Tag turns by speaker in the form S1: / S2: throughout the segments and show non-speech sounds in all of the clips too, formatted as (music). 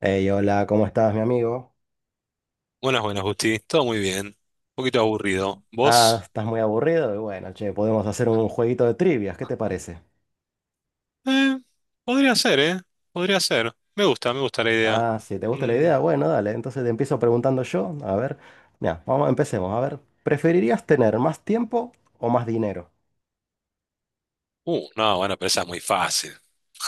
S1: Hey, hola, ¿cómo estás, mi amigo?
S2: Buenas, buenas, Justi. Todo muy bien. Un poquito aburrido.
S1: Ah,
S2: ¿Vos?
S1: estás muy aburrido. Y bueno, che, podemos hacer un jueguito de trivias, ¿qué te parece?
S2: Eh, podría ser, ¿eh? Podría ser. Me gusta la idea.
S1: Ah, si te gusta la
S2: Mm,
S1: idea, bueno, dale. Entonces te empiezo preguntando yo. A ver, mira, vamos, empecemos. A ver, ¿preferirías tener más tiempo o más dinero?
S2: No, bueno, pero esa es muy fácil.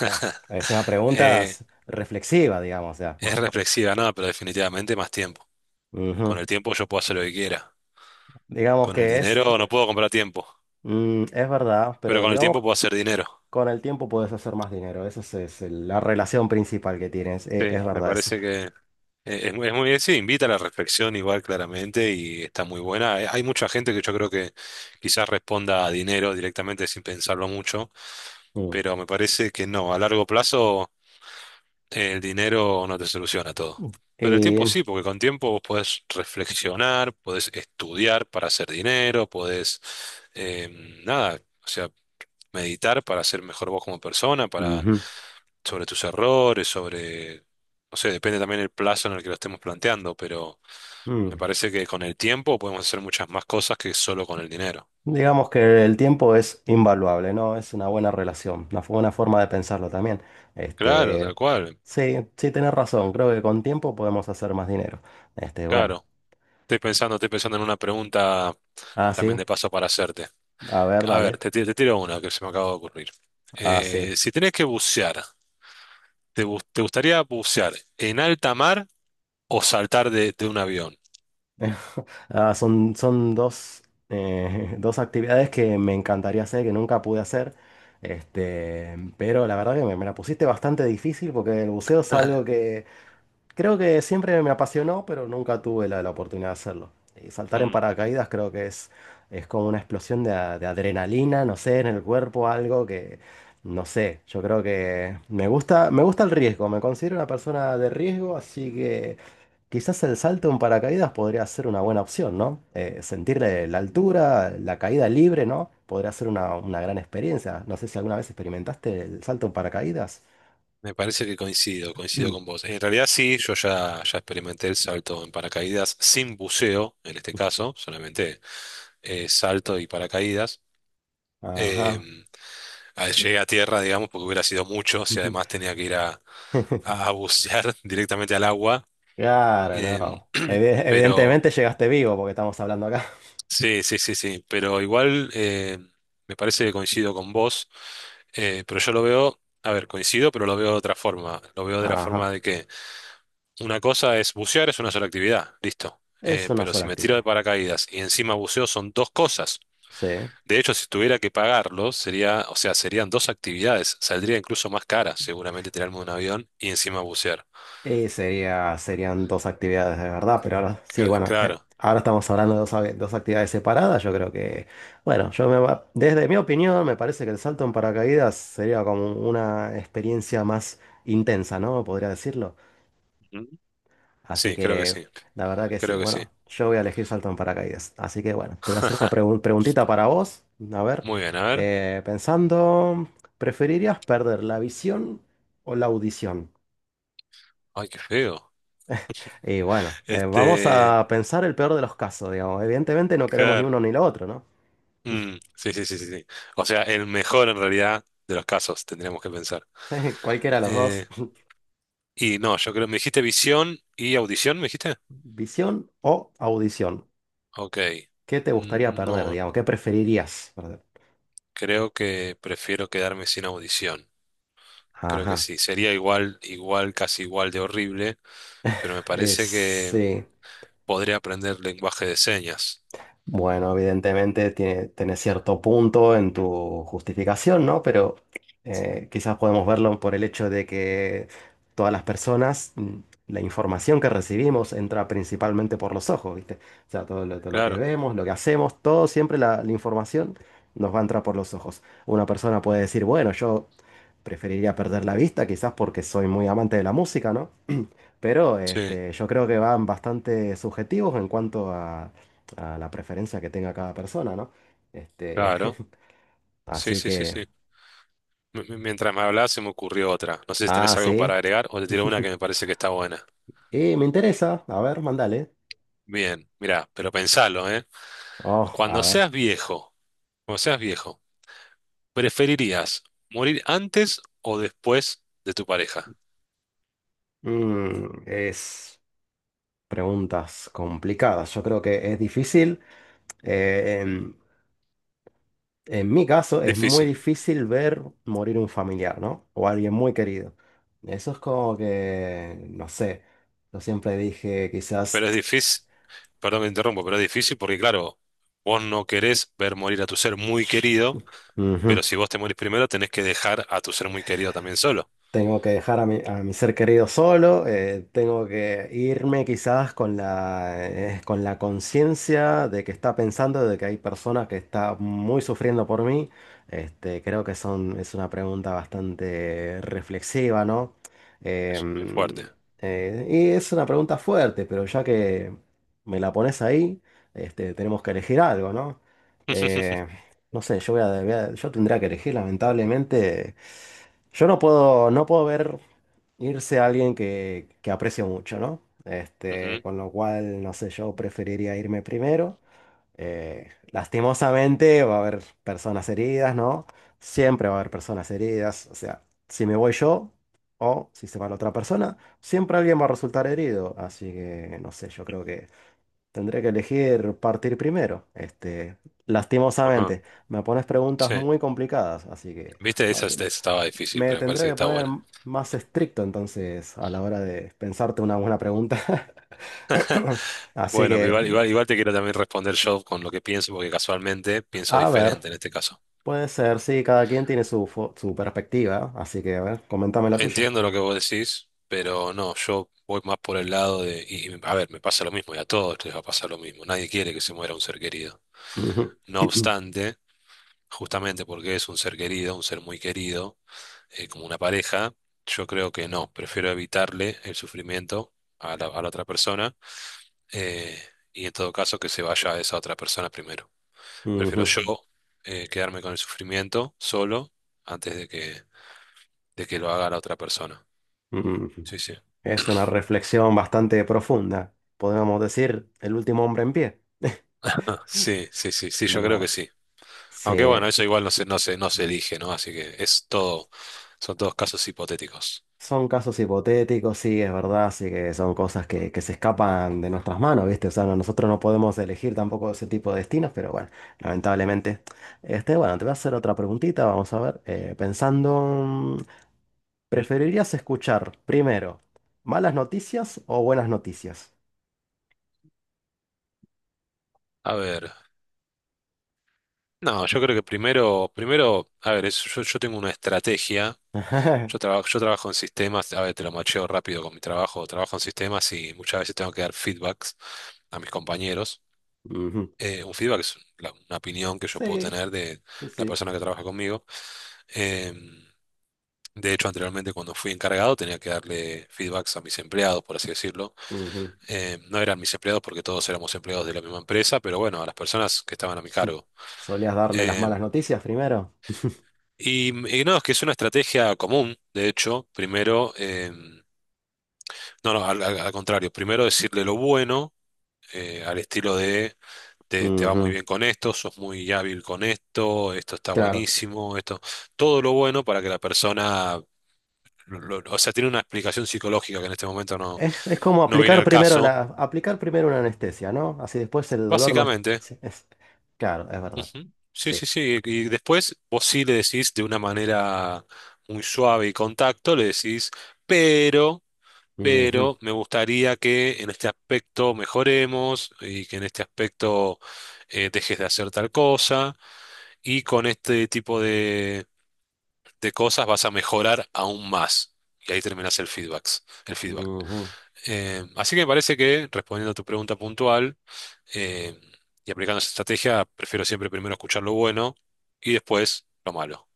S1: Es una pregunta
S2: Eh,
S1: reflexiva, digamos, ya.
S2: es reflexiva, nada, pero definitivamente más tiempo.
S1: (laughs)
S2: Con
S1: Ujú.
S2: el tiempo yo puedo hacer lo que quiera.
S1: Digamos
S2: Con el
S1: que es,
S2: dinero no puedo comprar tiempo,
S1: mm, es verdad,
S2: pero
S1: pero
S2: con el
S1: digamos,
S2: tiempo puedo hacer dinero.
S1: con el tiempo puedes hacer más dinero. Esa es la relación principal que tienes.
S2: Sí,
S1: Es,
S2: me
S1: verdad eso.
S2: parece que sí, invita a la reflexión igual claramente y está muy buena. Hay mucha gente que yo creo que quizás responda a dinero directamente sin pensarlo mucho,
S1: Mm.
S2: pero me parece que no, a largo plazo el dinero no te soluciona todo. Pero el tiempo
S1: Y-
S2: sí, porque con tiempo vos podés reflexionar, podés estudiar para hacer dinero, podés, em, nada, o sea, meditar para ser mejor vos como persona, para,
S1: ujú.
S2: sobre tus errores, sobre, no sé, depende también el plazo en el que lo estemos planteando, pero me
S1: Mm.
S2: parece que con el tiempo podemos hacer muchas más cosas que solo con el dinero.
S1: Digamos que el tiempo es invaluable, ¿no? Es una buena relación, una buena forma de pensarlo también.
S2: Claro,
S1: Este,
S2: tal cual,
S1: sí, sí, tenés razón. Creo que con tiempo podemos hacer más dinero. Este, bueno.
S2: claro. Estoy pensando en una pregunta
S1: Ah,
S2: también
S1: sí.
S2: de paso para hacerte.
S1: A ver,
S2: A ver,
S1: dale.
S2: te tiro una que se me acaba de ocurrir.
S1: Ah, sí.
S2: Si tenés que bucear, te gustaría bucear en alta mar o saltar de un avión?
S1: Ah, son, (laughs) dos actividades que me encantaría hacer, que nunca pude hacer. Este, pero la verdad que me la pusiste bastante difícil porque el buceo es algo.
S2: (laughs)
S1: Creo que siempre me apasionó, pero nunca tuve la oportunidad de hacerlo. Y saltar en
S2: Mm,
S1: paracaídas creo que es como una explosión de, de adrenalina, no sé, en el cuerpo, algo que, no sé, yo creo que me gusta el riesgo, me considero una persona de riesgo, así que quizás el salto en paracaídas podría ser una buena opción, ¿no? Sentir la altura, la caída libre, ¿no? Podría ser una gran experiencia. No sé si alguna vez experimentaste el salto en paracaídas.
S2: me parece que coincido con
S1: (clears throat)
S2: vos. En realidad sí, yo ya experimenté el salto en paracaídas sin buceo, en este caso, solamente salto y paracaídas.
S1: Ajá.
S2: Em, Llegué a tierra, digamos, porque hubiera sido mucho si además
S1: (laughs)
S2: tenía que ir a, a bucear (laughs) directamente al agua.
S1: Claro,
S2: Em,
S1: no.
S2: pero
S1: Evidentemente llegaste vivo porque estamos hablando acá.
S2: sí, sí, sí, sí, pero igual me parece que coincido con vos, pero yo lo veo, a ver, coincido, pero lo veo de otra forma. Lo
S1: (laughs)
S2: veo de la forma
S1: Ajá.
S2: de que una cosa es bucear, es una sola actividad, listo.
S1: Es una
S2: Pero si
S1: sola
S2: me tiro de
S1: actividad.
S2: paracaídas y encima buceo son dos cosas.
S1: Sí.
S2: De hecho, si tuviera que pagarlo, sería, o sea, serían dos actividades. Saldría incluso más cara, seguramente tirarme de un avión y encima bucear.
S1: Y sería, serían dos actividades de verdad, pero ahora sí, bueno,
S2: Claro.
S1: ahora estamos hablando de dos, dos actividades separadas. Yo creo que, bueno, desde mi opinión me parece que el salto en paracaídas sería como una experiencia más intensa, ¿no? Podría decirlo.
S2: Ujú.
S1: Así
S2: Sí, creo que
S1: que
S2: sí.
S1: la verdad que sí.
S2: Creo que sí.
S1: Bueno, yo voy a elegir salto en paracaídas. Así que bueno, te voy a hacer una
S2: (laughs)
S1: preguntita para vos. A ver,
S2: Muy bien, a ver.
S1: pensando, ¿preferirías perder la visión o la audición?
S2: Ay, qué feo.
S1: Y bueno, vamos
S2: Este,
S1: a pensar el peor de los casos, digamos. Evidentemente no queremos ni
S2: claro.
S1: uno ni lo otro, ¿no?
S2: Mm, sí, sí, sí, sí, sí. O sea, el mejor en realidad de los casos, tendríamos que pensar.
S1: (laughs) Cualquiera de los dos,
S2: Eh,
S1: (laughs)
S2: y no, yo creo, me dijiste visión y audición, ¿me dijiste?
S1: visión o audición.
S2: Ok.
S1: ¿Qué te gustaría
S2: Mm,
S1: perder,
S2: no,
S1: digamos? ¿Qué preferirías perder?
S2: creo que prefiero quedarme sin audición. Creo que
S1: Ajá.
S2: sí. Sería igual, igual, casi igual de horrible, pero me parece que
S1: Sí.
S2: podré aprender lenguaje de señas.
S1: Bueno, evidentemente tenés cierto punto en tu justificación, ¿no? Pero quizás podemos
S2: Mm.
S1: verlo por el hecho de que todas las personas, mm, la información que recibimos entra principalmente por los ojos, ¿viste? O sea, todo lo que
S2: Claro,
S1: vemos, lo que hacemos, todo siempre la información nos va a entrar por los ojos. Una persona puede decir, bueno, yo preferiría perder la vista, quizás porque soy muy amante de la música, ¿no? Pero
S2: sí,
S1: este, yo creo que van bastante subjetivos en cuanto a la preferencia que tenga cada persona, ¿no? Este,
S2: claro.
S1: (laughs)
S2: Sí,
S1: así
S2: sí, sí,
S1: que,
S2: sí. Mientras me hablabas se me ocurrió otra. No sé si
S1: ah,
S2: tenés algo
S1: sí.
S2: para agregar o te tiro una que me
S1: (laughs)
S2: parece que está buena.
S1: Y me interesa, a ver, mandale.
S2: Bien, mirá, pero pensalo, ¿eh?
S1: Oh, a
S2: Cuando
S1: ver.
S2: seas viejo, cuando seas viejo, ¿preferirías morir antes o después de tu pareja?
S1: Mm, es preguntas complicadas. Yo creo que es difícil. En en, mi caso, es muy
S2: Difícil.
S1: difícil ver morir un familiar, ¿no? O alguien muy querido. Eso es como que, no sé. Yo siempre dije, quizás.
S2: Pero es difícil, perdón que te interrumpo, pero es difícil porque, claro, vos no querés ver morir a tu ser muy querido,
S1: Ujú.
S2: pero si vos te morís primero, tenés que dejar a tu ser muy querido también solo.
S1: Tengo que dejar a a mi ser querido solo, tengo que irme quizás con con la conciencia de que está pensando, de que hay personas que están muy sufriendo por mí. Este, es una pregunta bastante reflexiva, ¿no?
S2: Es
S1: Em,
S2: fuerte.
S1: y es una pregunta fuerte, pero ya que me la pones ahí, este, tenemos que elegir algo, ¿no? Eh,
S2: (laughs)
S1: no sé, yo voy a, voy a- yo tendría que elegir lamentablemente. Yo no puedo, No puedo ver irse a alguien que aprecio mucho, ¿no? Este,
S2: Ujú,
S1: con lo cual, no sé, yo preferiría irme primero. Lastimosamente va a haber personas heridas, ¿no? Siempre va a haber personas heridas. O sea, si me voy yo o si se va la otra persona, siempre alguien va a resultar herido. Así que, no sé, yo creo que tendré que elegir partir primero. Este,
S2: ajá,
S1: lastimosamente, me pones preguntas
S2: sí.
S1: muy complicadas, así que...
S2: Viste, esa estaba difícil,
S1: Me
S2: pero me
S1: tendré
S2: parece que
S1: que
S2: está
S1: poner
S2: buena.
S1: más estricto entonces a la hora de pensarte una buena pregunta. (laughs) Así
S2: Bueno, pero
S1: que,
S2: igual, igual, igual te quiero también responder yo con lo que pienso, porque casualmente pienso
S1: a ver,
S2: diferente en este caso.
S1: puede ser, sí, cada quien tiene su perspectiva, así que, a ver, coméntame la tuya.
S2: Entiendo lo que vos decís, pero no, yo voy más por el lado de, a ver, me pasa lo mismo y a todos les va a pasar lo mismo. Nadie quiere que se muera un ser querido.
S1: Ujú,
S2: No
S1: (clears throat)
S2: obstante, justamente porque es un ser querido, un ser muy querido, como una pareja, yo creo que no, prefiero evitarle el sufrimiento a a la otra persona eh, y en todo caso que se vaya a esa otra persona primero. Prefiero
S1: ujú,
S2: yo quedarme con el sufrimiento solo antes de que lo haga la otra persona.
S1: ujú.
S2: Sí, sí.
S1: Es una reflexión bastante profunda. Podríamos decir, el último hombre en pie.
S2: Ah, sí, sí, sí, sí, yo creo que
S1: No,
S2: sí.
S1: sí.
S2: Aunque bueno, eso igual no se elige, ¿no? Así que es todo, son todos casos hipotéticos.
S1: Son casos hipotéticos, sí, es verdad, sí que son cosas que se escapan de nuestras manos, ¿viste? O sea, nosotros no podemos elegir tampoco ese tipo de destinos, pero bueno, lamentablemente. Este, bueno, te voy a hacer otra preguntita, vamos a ver. Eh, pensando, mm,
S2: Mm.
S1: ¿preferirías escuchar primero malas noticias o buenas noticias?
S2: A ver, no, yo creo que primero, primero, yo tengo una estrategia,
S1: (laughs)
S2: yo trabajo en sistemas, a ver, te lo macheo rápido con mi trabajo, trabajo en sistemas y muchas veces tengo que dar feedbacks a mis compañeros.
S1: Ujú.
S2: Un feedback es una opinión que yo puedo
S1: Sí,
S2: tener de
S1: sí,
S2: la
S1: sí.
S2: persona que trabaja conmigo. Em, de hecho, anteriormente cuando fui encargado tenía que darle feedbacks a mis empleados, por así decirlo.
S1: Ujú. (laughs)
S2: No eran mis empleados porque todos éramos empleados de la misma empresa, pero bueno, a las personas que estaban a mi
S1: Sí.
S2: cargo.
S1: ¿Solías darle las
S2: Eh,
S1: malas noticias primero?
S2: y no, es que es una estrategia común, de hecho, primero, no, no, al, al- al contrario, primero decirle lo bueno, al estilo de te va muy
S1: Ujú.
S2: bien con esto, sos muy hábil con esto, esto está
S1: Claro.
S2: buenísimo, esto, todo lo bueno para que la persona, o sea, tiene una explicación psicológica que en este momento no,
S1: Es como
S2: no viene
S1: aplicar
S2: al
S1: primero
S2: caso.
S1: aplicar primero una anestesia, ¿no? Así después el dolor no es,
S2: Básicamente.
S1: sí, claro, es verdad.
S2: Ujú. Sí,
S1: Sí.
S2: sí, sí. Y después vos sí le decís de una manera muy suave y con tacto, le decís, pero,
S1: Ujú,
S2: pero me gustaría que en este aspecto mejoremos y que en este aspecto dejes de hacer tal cosa y con este tipo de cosas vas a mejorar aún más. Y ahí terminás el feedback.
S1: ujú.
S2: Así que me parece que, respondiendo a tu pregunta puntual, eh, y aplicando esa estrategia, prefiero siempre primero escuchar lo bueno y después lo malo,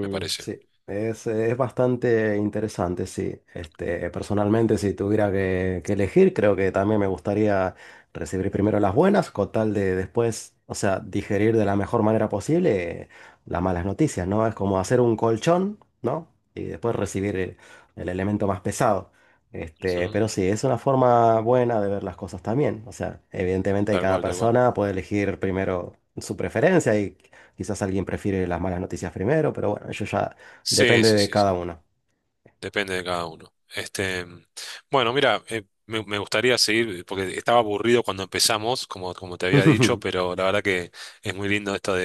S2: me parece.
S1: sí, es bastante interesante, sí. Este, personalmente, si tuviera que elegir, creo que también me gustaría recibir primero las buenas, con tal de después, o sea, digerir de la mejor manera posible las malas noticias, ¿no? Es como hacer un colchón, ¿no? Y después recibir el elemento más pesado. Este,
S2: Ujú.
S1: pero sí, es una forma buena de ver las cosas también. O sea, evidentemente
S2: Tal
S1: cada
S2: cual, tal cual.
S1: persona puede elegir primero su preferencia y... Quizás alguien prefiere las malas noticias primero, pero bueno, eso ya
S2: Sí,
S1: depende
S2: sí,
S1: de
S2: sí, sí.
S1: cada uno.
S2: Depende de cada uno. Este, bueno, mira, me gustaría seguir, porque estaba aburrido cuando empezamos, como, como te había dicho,
S1: (laughs)
S2: pero la verdad que es muy lindo esto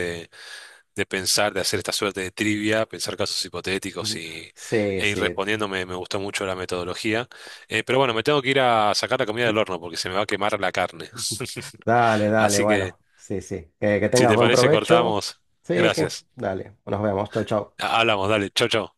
S2: de pensar, de hacer esta suerte de trivia, pensar casos hipotéticos y,
S1: Sí,
S2: e ir
S1: sí.
S2: respondiéndome. Me gustó mucho la metodología. Pero bueno, me tengo que ir a sacar la comida del horno porque se me va a quemar la carne.
S1: Dale,
S2: (laughs)
S1: dale,
S2: Así que,
S1: bueno. Sí, sí. Que
S2: si
S1: tengas
S2: te
S1: buen
S2: parece,
S1: provecho.
S2: cortamos.
S1: Sí, que.
S2: Gracias.
S1: Dale. Nos vemos. Chau, chau.
S2: Hablamos, dale. Chau, chau.